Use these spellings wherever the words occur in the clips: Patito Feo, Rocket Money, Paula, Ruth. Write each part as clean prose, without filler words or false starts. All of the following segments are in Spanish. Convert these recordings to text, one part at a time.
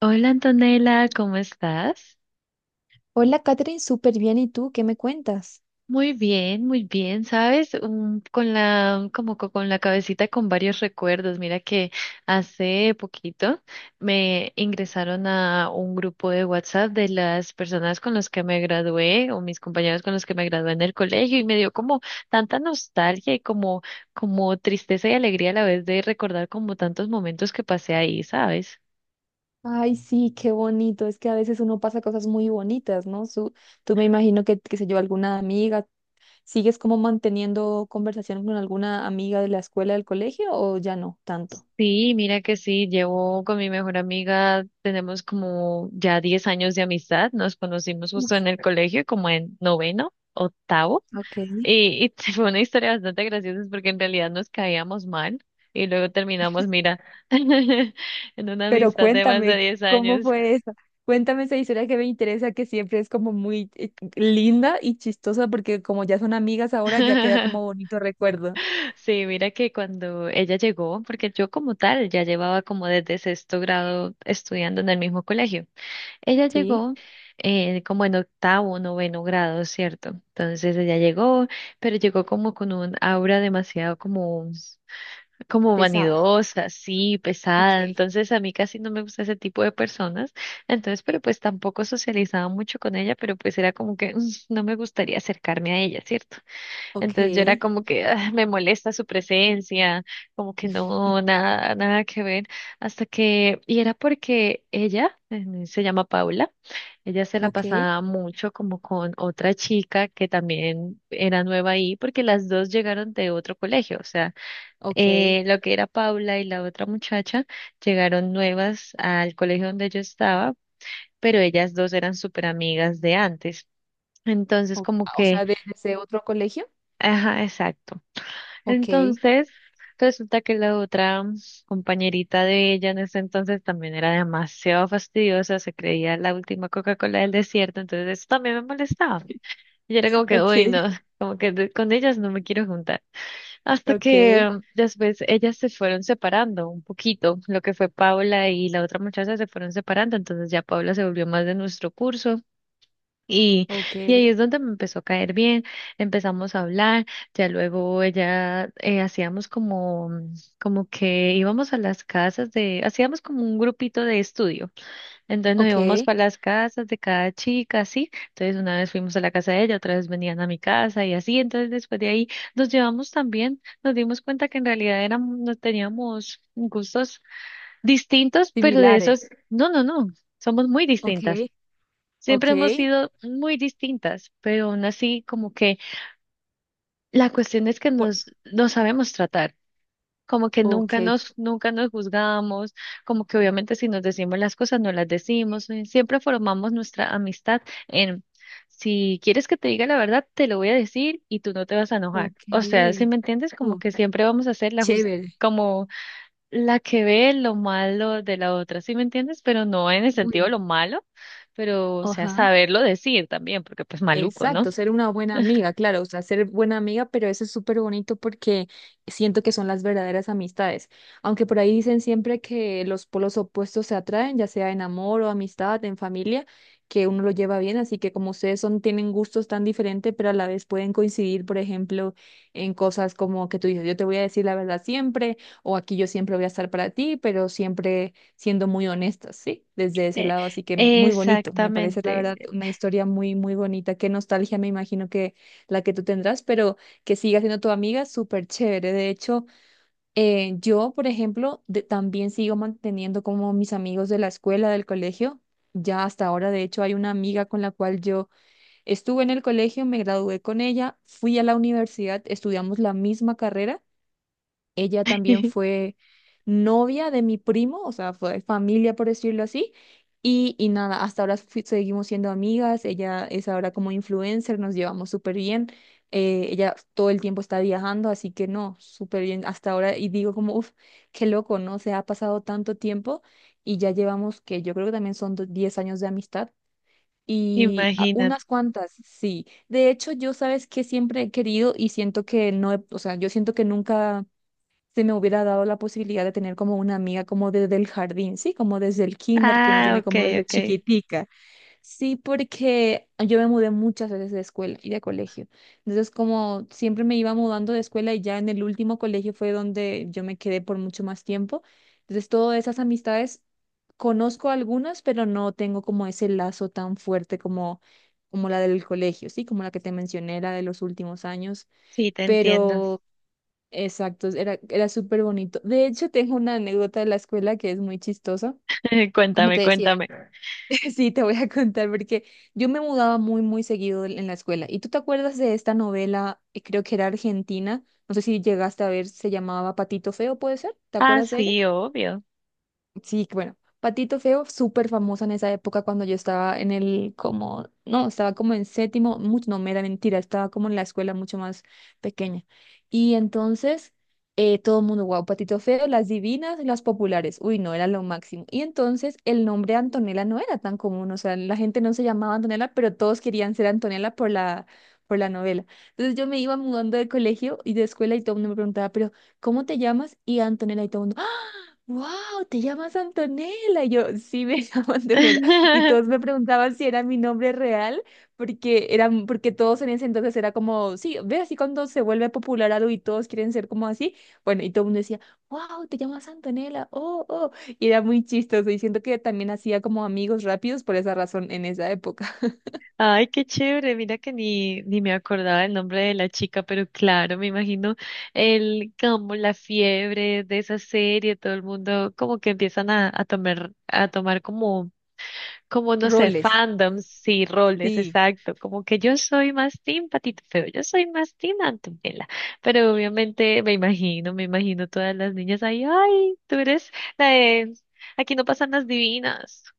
Hola Antonella, ¿cómo estás? Hola, Katherine, súper bien. ¿Y tú qué me cuentas? Muy bien, ¿sabes? Con la, con la cabecita con varios recuerdos. Mira que hace poquito me ingresaron a un grupo de WhatsApp de las personas con las que me gradué o mis compañeros con los que me gradué en el colegio y me dio como tanta nostalgia y como tristeza y alegría a la vez de recordar como tantos momentos que pasé ahí, ¿sabes? Ay, sí, qué bonito. Es que a veces uno pasa cosas muy bonitas, ¿no? Tú me imagino que, qué sé yo, alguna amiga, ¿sigues como manteniendo conversación con alguna amiga de la escuela, del colegio o ya no tanto? Sí, mira que sí, llevo con mi mejor amiga, tenemos como ya 10 años de amistad, nos conocimos justo Uf, en el colegio, como en noveno, octavo, ok, y fue una historia bastante graciosa porque en realidad nos caíamos mal y luego terminamos, mira, en una pero amistad de más de cuéntame, 10 ¿cómo años. fue eso? Cuéntame esa historia que me interesa, que siempre es como muy linda y chistosa porque como ya son amigas ahora, ya queda como bonito recuerdo. Sí, mira que cuando ella llegó, porque yo como tal ya llevaba como desde sexto grado estudiando en el mismo colegio. Ella Sí, llegó como en octavo, noveno grado, ¿cierto? Entonces ella llegó, pero llegó como con un aura demasiado como pesada. vanidosa, así, Ok. pesada. Entonces a mí casi no me gusta ese tipo de personas. Entonces, pero pues tampoco socializaba mucho con ella, pero pues era como que no me gustaría acercarme a ella, ¿cierto? Ok, Entonces yo era como que "Ah, me molesta su presencia, como que no, nada, nada que ver". Hasta que, y era porque ella, se llama Paula, ella se la ok. pasaba mucho como con otra chica que también era nueva ahí, porque las dos llegaron de otro colegio, o sea, Ok, lo que era Paula y la otra muchacha llegaron nuevas al colegio donde yo estaba, pero ellas dos eran súper amigas de antes. Entonces O, como o que, sea, desde otro colegio. ajá, exacto. Ok, Entonces, resulta que la otra compañerita de ella en ese entonces también era demasiado fastidiosa, se creía la última Coca-Cola del desierto, entonces eso también me molestaba. Y yo era como que, uy, no, ok, como que con ellas no me quiero juntar. Hasta que ok, después ellas se fueron separando un poquito, lo que fue Paula y la otra muchacha se fueron separando, entonces ya Paula se volvió más de nuestro curso y, ok, y ahí es donde me empezó a caer bien, empezamos a hablar, ya luego ella hacíamos como que íbamos a las casas de, hacíamos como un grupito de estudio, entonces nos íbamos ok. para las casas de cada chica, así, entonces una vez fuimos a la casa de ella, otra vez venían a mi casa y así, entonces después de ahí nos llevamos también, nos dimos cuenta que en realidad éramos, no teníamos gustos distintos, pero de Similares. esos, no, no, no, somos muy distintas. Ok, Siempre ok, hemos sido muy distintas, pero aún así como que la cuestión es que por- nos sabemos tratar, como que nunca ok, nos, nunca nos juzgamos, como que obviamente si nos decimos las cosas no las decimos, siempre formamos nuestra amistad en si quieres que te diga la verdad, te lo voy a decir y tú no te vas a enojar. O sea, si ok. me entiendes, como Uh, que siempre vamos a hacer la justicia Chévere. la que ve lo malo de la otra, ¿sí me entiendes? Pero no en el Uy, sentido de no. lo malo, pero, o sea, Ajá. saberlo decir también, porque pues maluco, ¿no? Exacto, ser una buena amiga, claro, o sea, ser buena amiga, pero eso es súper bonito porque siento que son las verdaderas amistades. Aunque por ahí dicen siempre que los polos opuestos se atraen, ya sea en amor o amistad, en familia, que uno lo lleva bien, así que como ustedes son, tienen gustos tan diferentes, pero a la vez pueden coincidir, por ejemplo, en cosas como que tú dices, yo te voy a decir la verdad siempre, o aquí yo siempre voy a estar para ti, pero siempre siendo muy honestas, ¿sí? Desde ese lado, así que Eh, muy bonito, me parece la verdad Exactamente. una historia muy, muy bonita, qué nostalgia me imagino que la que tú tendrás, pero que siga siendo tu amiga, súper chévere. De hecho, yo, por ejemplo, también sigo manteniendo como mis amigos de la escuela, del colegio. Ya hasta ahora, de hecho, hay una amiga con la cual yo estuve en el colegio, me gradué con ella, fui a la universidad, estudiamos la misma carrera, ella también fue novia de mi primo, o sea, fue familia por decirlo así. Y nada, hasta ahora seguimos siendo amigas, ella es ahora como influencer, nos llevamos súper bien. Eh, ella todo el tiempo está viajando, así que no, súper bien hasta ahora. Y digo como, uff, qué loco, ¿no? Se ha pasado tanto tiempo y ya llevamos que yo creo que también son 10 años de amistad. Y Imagínate. unas cuantas, sí. De hecho, yo sabes que siempre he querido y siento que no, o sea, yo siento que nunca se me hubiera dado la posibilidad de tener como una amiga como desde el jardín, sí, como desde el kinder que uno Ah, tiene ok, como desde ok. chiquitica. Sí, porque yo me mudé muchas veces de escuela y de colegio. Entonces, como siempre me iba mudando de escuela y ya en el último colegio fue donde yo me quedé por mucho más tiempo. Entonces, todas esas amistades conozco algunas, pero no tengo como ese lazo tan fuerte como como la del colegio, sí, como la que te mencioné, la de los últimos años, Sí, te entiendo. pero exacto, era, era súper bonito. De hecho, tengo una anécdota de la escuela que es muy chistosa. Como Cuéntame, te decía, cuéntame. sí, te voy a contar porque yo me mudaba muy, muy seguido en la escuela. ¿Y tú te acuerdas de esta novela? Creo que era argentina. No sé si llegaste a ver, se llamaba Patito Feo, ¿puede ser? ¿Te Ah, acuerdas de ella? sí, obvio. Sí, que bueno, Patito Feo, súper famosa en esa época cuando yo estaba como, no, estaba como en séptimo, mucho, no, me da mentira, estaba como en la escuela mucho más pequeña. Y entonces, todo el mundo, wow, Patito Feo, las divinas, las populares, uy, no, era lo máximo. Y entonces el nombre Antonella no era tan común, o sea, la gente no se llamaba Antonella, pero todos querían ser Antonella por la novela. Entonces yo me iba mudando de colegio y de escuela y todo el mundo me preguntaba, pero, ¿cómo te llamas? Y Antonella y todo wow, te llamas Antonella. Y yo, sí, me llamo Antonella. Y todos me preguntaban si era mi nombre real, porque todos en ese entonces era como, sí, ve así cuando se vuelve popular algo y todos quieren ser como así. Bueno, y todo el mundo decía, wow, te llamas Antonella, oh, oh. Y era muy chistoso. Y siento que también hacía como amigos rápidos por esa razón en esa época. Ay, qué chévere. Mira que ni me acordaba el nombre de la chica, pero claro, me imagino el como la fiebre de esa serie, todo el mundo como que empiezan a tomar como no sé, Roles, fandoms y roles, sí. exacto. Como que yo soy más team Patito Feo, yo soy más team Antonella. Pero obviamente me imagino todas las niñas ahí, ay, tú eres la de aquí no pasan las divinas.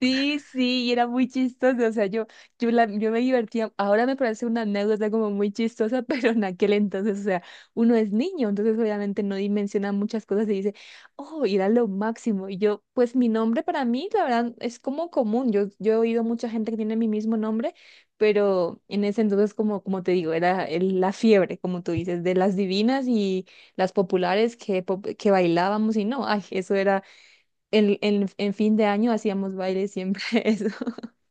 Sí, sí, y era muy chistoso, o sea, yo me divertía, ahora me parece una anécdota como muy chistosa, pero en aquel entonces, o sea, uno es niño, entonces obviamente no dimensiona muchas cosas y dice, oh, y era lo máximo, y yo, pues mi nombre para mí, la verdad, es como común, yo he oído mucha gente que tiene mi mismo nombre, pero en ese entonces, como, como te digo, era la fiebre, como tú dices, de las divinas y las populares que, que bailábamos y no, ay, eso el en fin de año hacíamos baile siempre eso.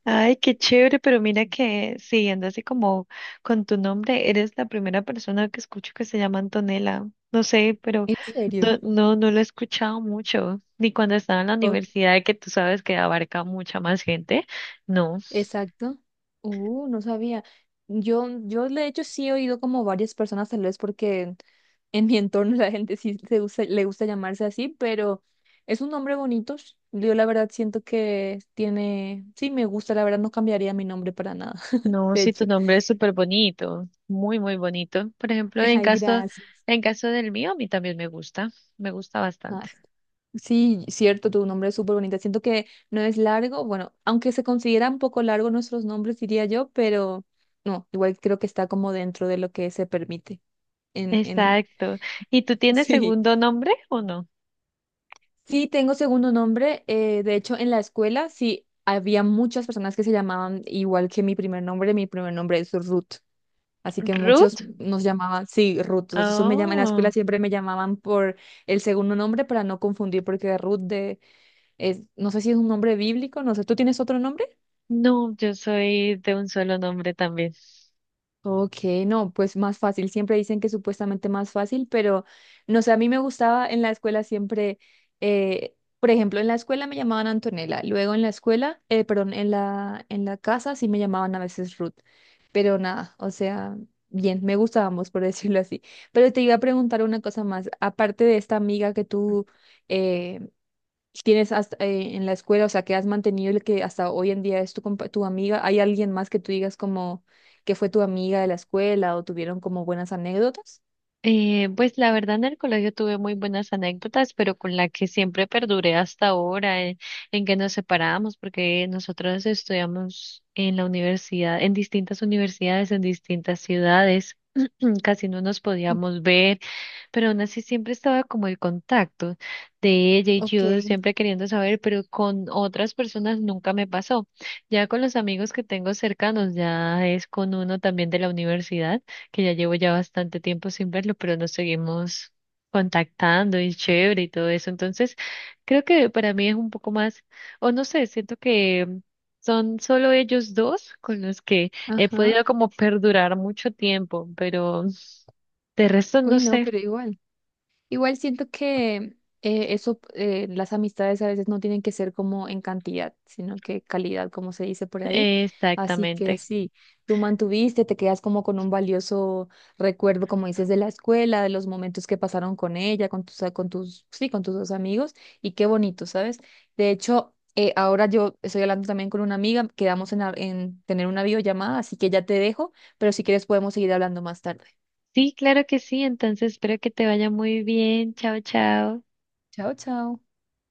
Ay, qué chévere, pero mira que siguiendo así como con tu nombre, eres la primera persona que escucho que se llama Antonella. No sé, pero ¿En serio? no, no, no lo he escuchado mucho, ni cuando estaba en la Ok, universidad, que tú sabes que abarca mucha más gente. No, exacto. No sabía. Yo de hecho sí he oído como varias personas, tal vez porque en mi entorno la gente sí le gusta llamarse así, pero es un nombre bonito. Yo la verdad siento que tiene, sí me gusta, la verdad no cambiaría mi nombre para nada, no, de sí, tu hecho. nombre es súper bonito, muy, muy bonito. Por ejemplo, en Ay, caso, gracias. en caso del mío, a mí también me gusta Ah, bastante. Sí, cierto, tu nombre es súper bonito. Siento que no es largo, bueno, aunque se considera un poco largo nuestros nombres, diría yo, pero no, igual creo que está como dentro de lo que se permite. En, en... Exacto. ¿Y tú tienes Sí, segundo nombre o no? sí, tengo segundo nombre. De hecho, en la escuela sí había muchas personas que se llamaban igual que mi primer nombre. Mi primer nombre es Ruth, así que muchos Ruth. nos llamaban, sí, Ruth. Entonces en la escuela Oh. siempre me llamaban por el segundo nombre para no confundir, porque Ruth de Es, no sé si es un nombre bíblico, no sé, ¿tú tienes otro nombre? No, yo soy de un solo nombre también. Ok, no, pues más fácil, siempre dicen que supuestamente más fácil, pero no sé, a mí me gustaba en la escuela siempre, por ejemplo, en la escuela me llamaban Antonella, luego en la escuela, perdón, en la casa sí me llamaban a veces Ruth, pero nada, o sea, bien, me gustábamos, por decirlo así. Pero te iba a preguntar una cosa más, aparte de esta amiga que tú... eh, tienes hasta, en la escuela, o sea, que has mantenido el que hasta hoy en día es tu amiga? ¿Hay alguien más que tú digas como que fue tu amiga de la escuela o tuvieron como buenas anécdotas? Pues la verdad en el colegio tuve muy buenas anécdotas, pero con la que siempre perduré hasta ahora, que nos separamos, porque nosotros estudiamos en la universidad, en distintas universidades, en distintas ciudades, casi no nos podíamos ver. Pero aún así siempre estaba como el contacto de ella y Ok. yo siempre queriendo saber, pero con otras personas nunca me pasó. Ya con los amigos que tengo cercanos, ya es con uno también de la universidad, que ya llevo ya bastante tiempo sin verlo, pero nos seguimos contactando y chévere y todo eso. Entonces, creo que para mí es un poco más, o no sé, siento que son solo ellos dos con los que he Ajá. podido como perdurar mucho tiempo, pero de resto no Uy, no, sé. pero igual. Igual siento que eso, las amistades a veces no tienen que ser como en cantidad, sino que calidad, como se dice por ahí. Así que Exactamente. sí, tú mantuviste, te quedas como con un valioso recuerdo, como dices, de la escuela, de los momentos que pasaron con ella, sí, con tus dos amigos, y qué bonito, ¿sabes? De hecho, ahora yo estoy hablando también con una amiga, quedamos en tener una videollamada, así que ya te dejo, pero si quieres podemos seguir hablando más tarde. Sí, claro que sí. Entonces espero que te vaya muy bien. Chao, chao. Chao, chao.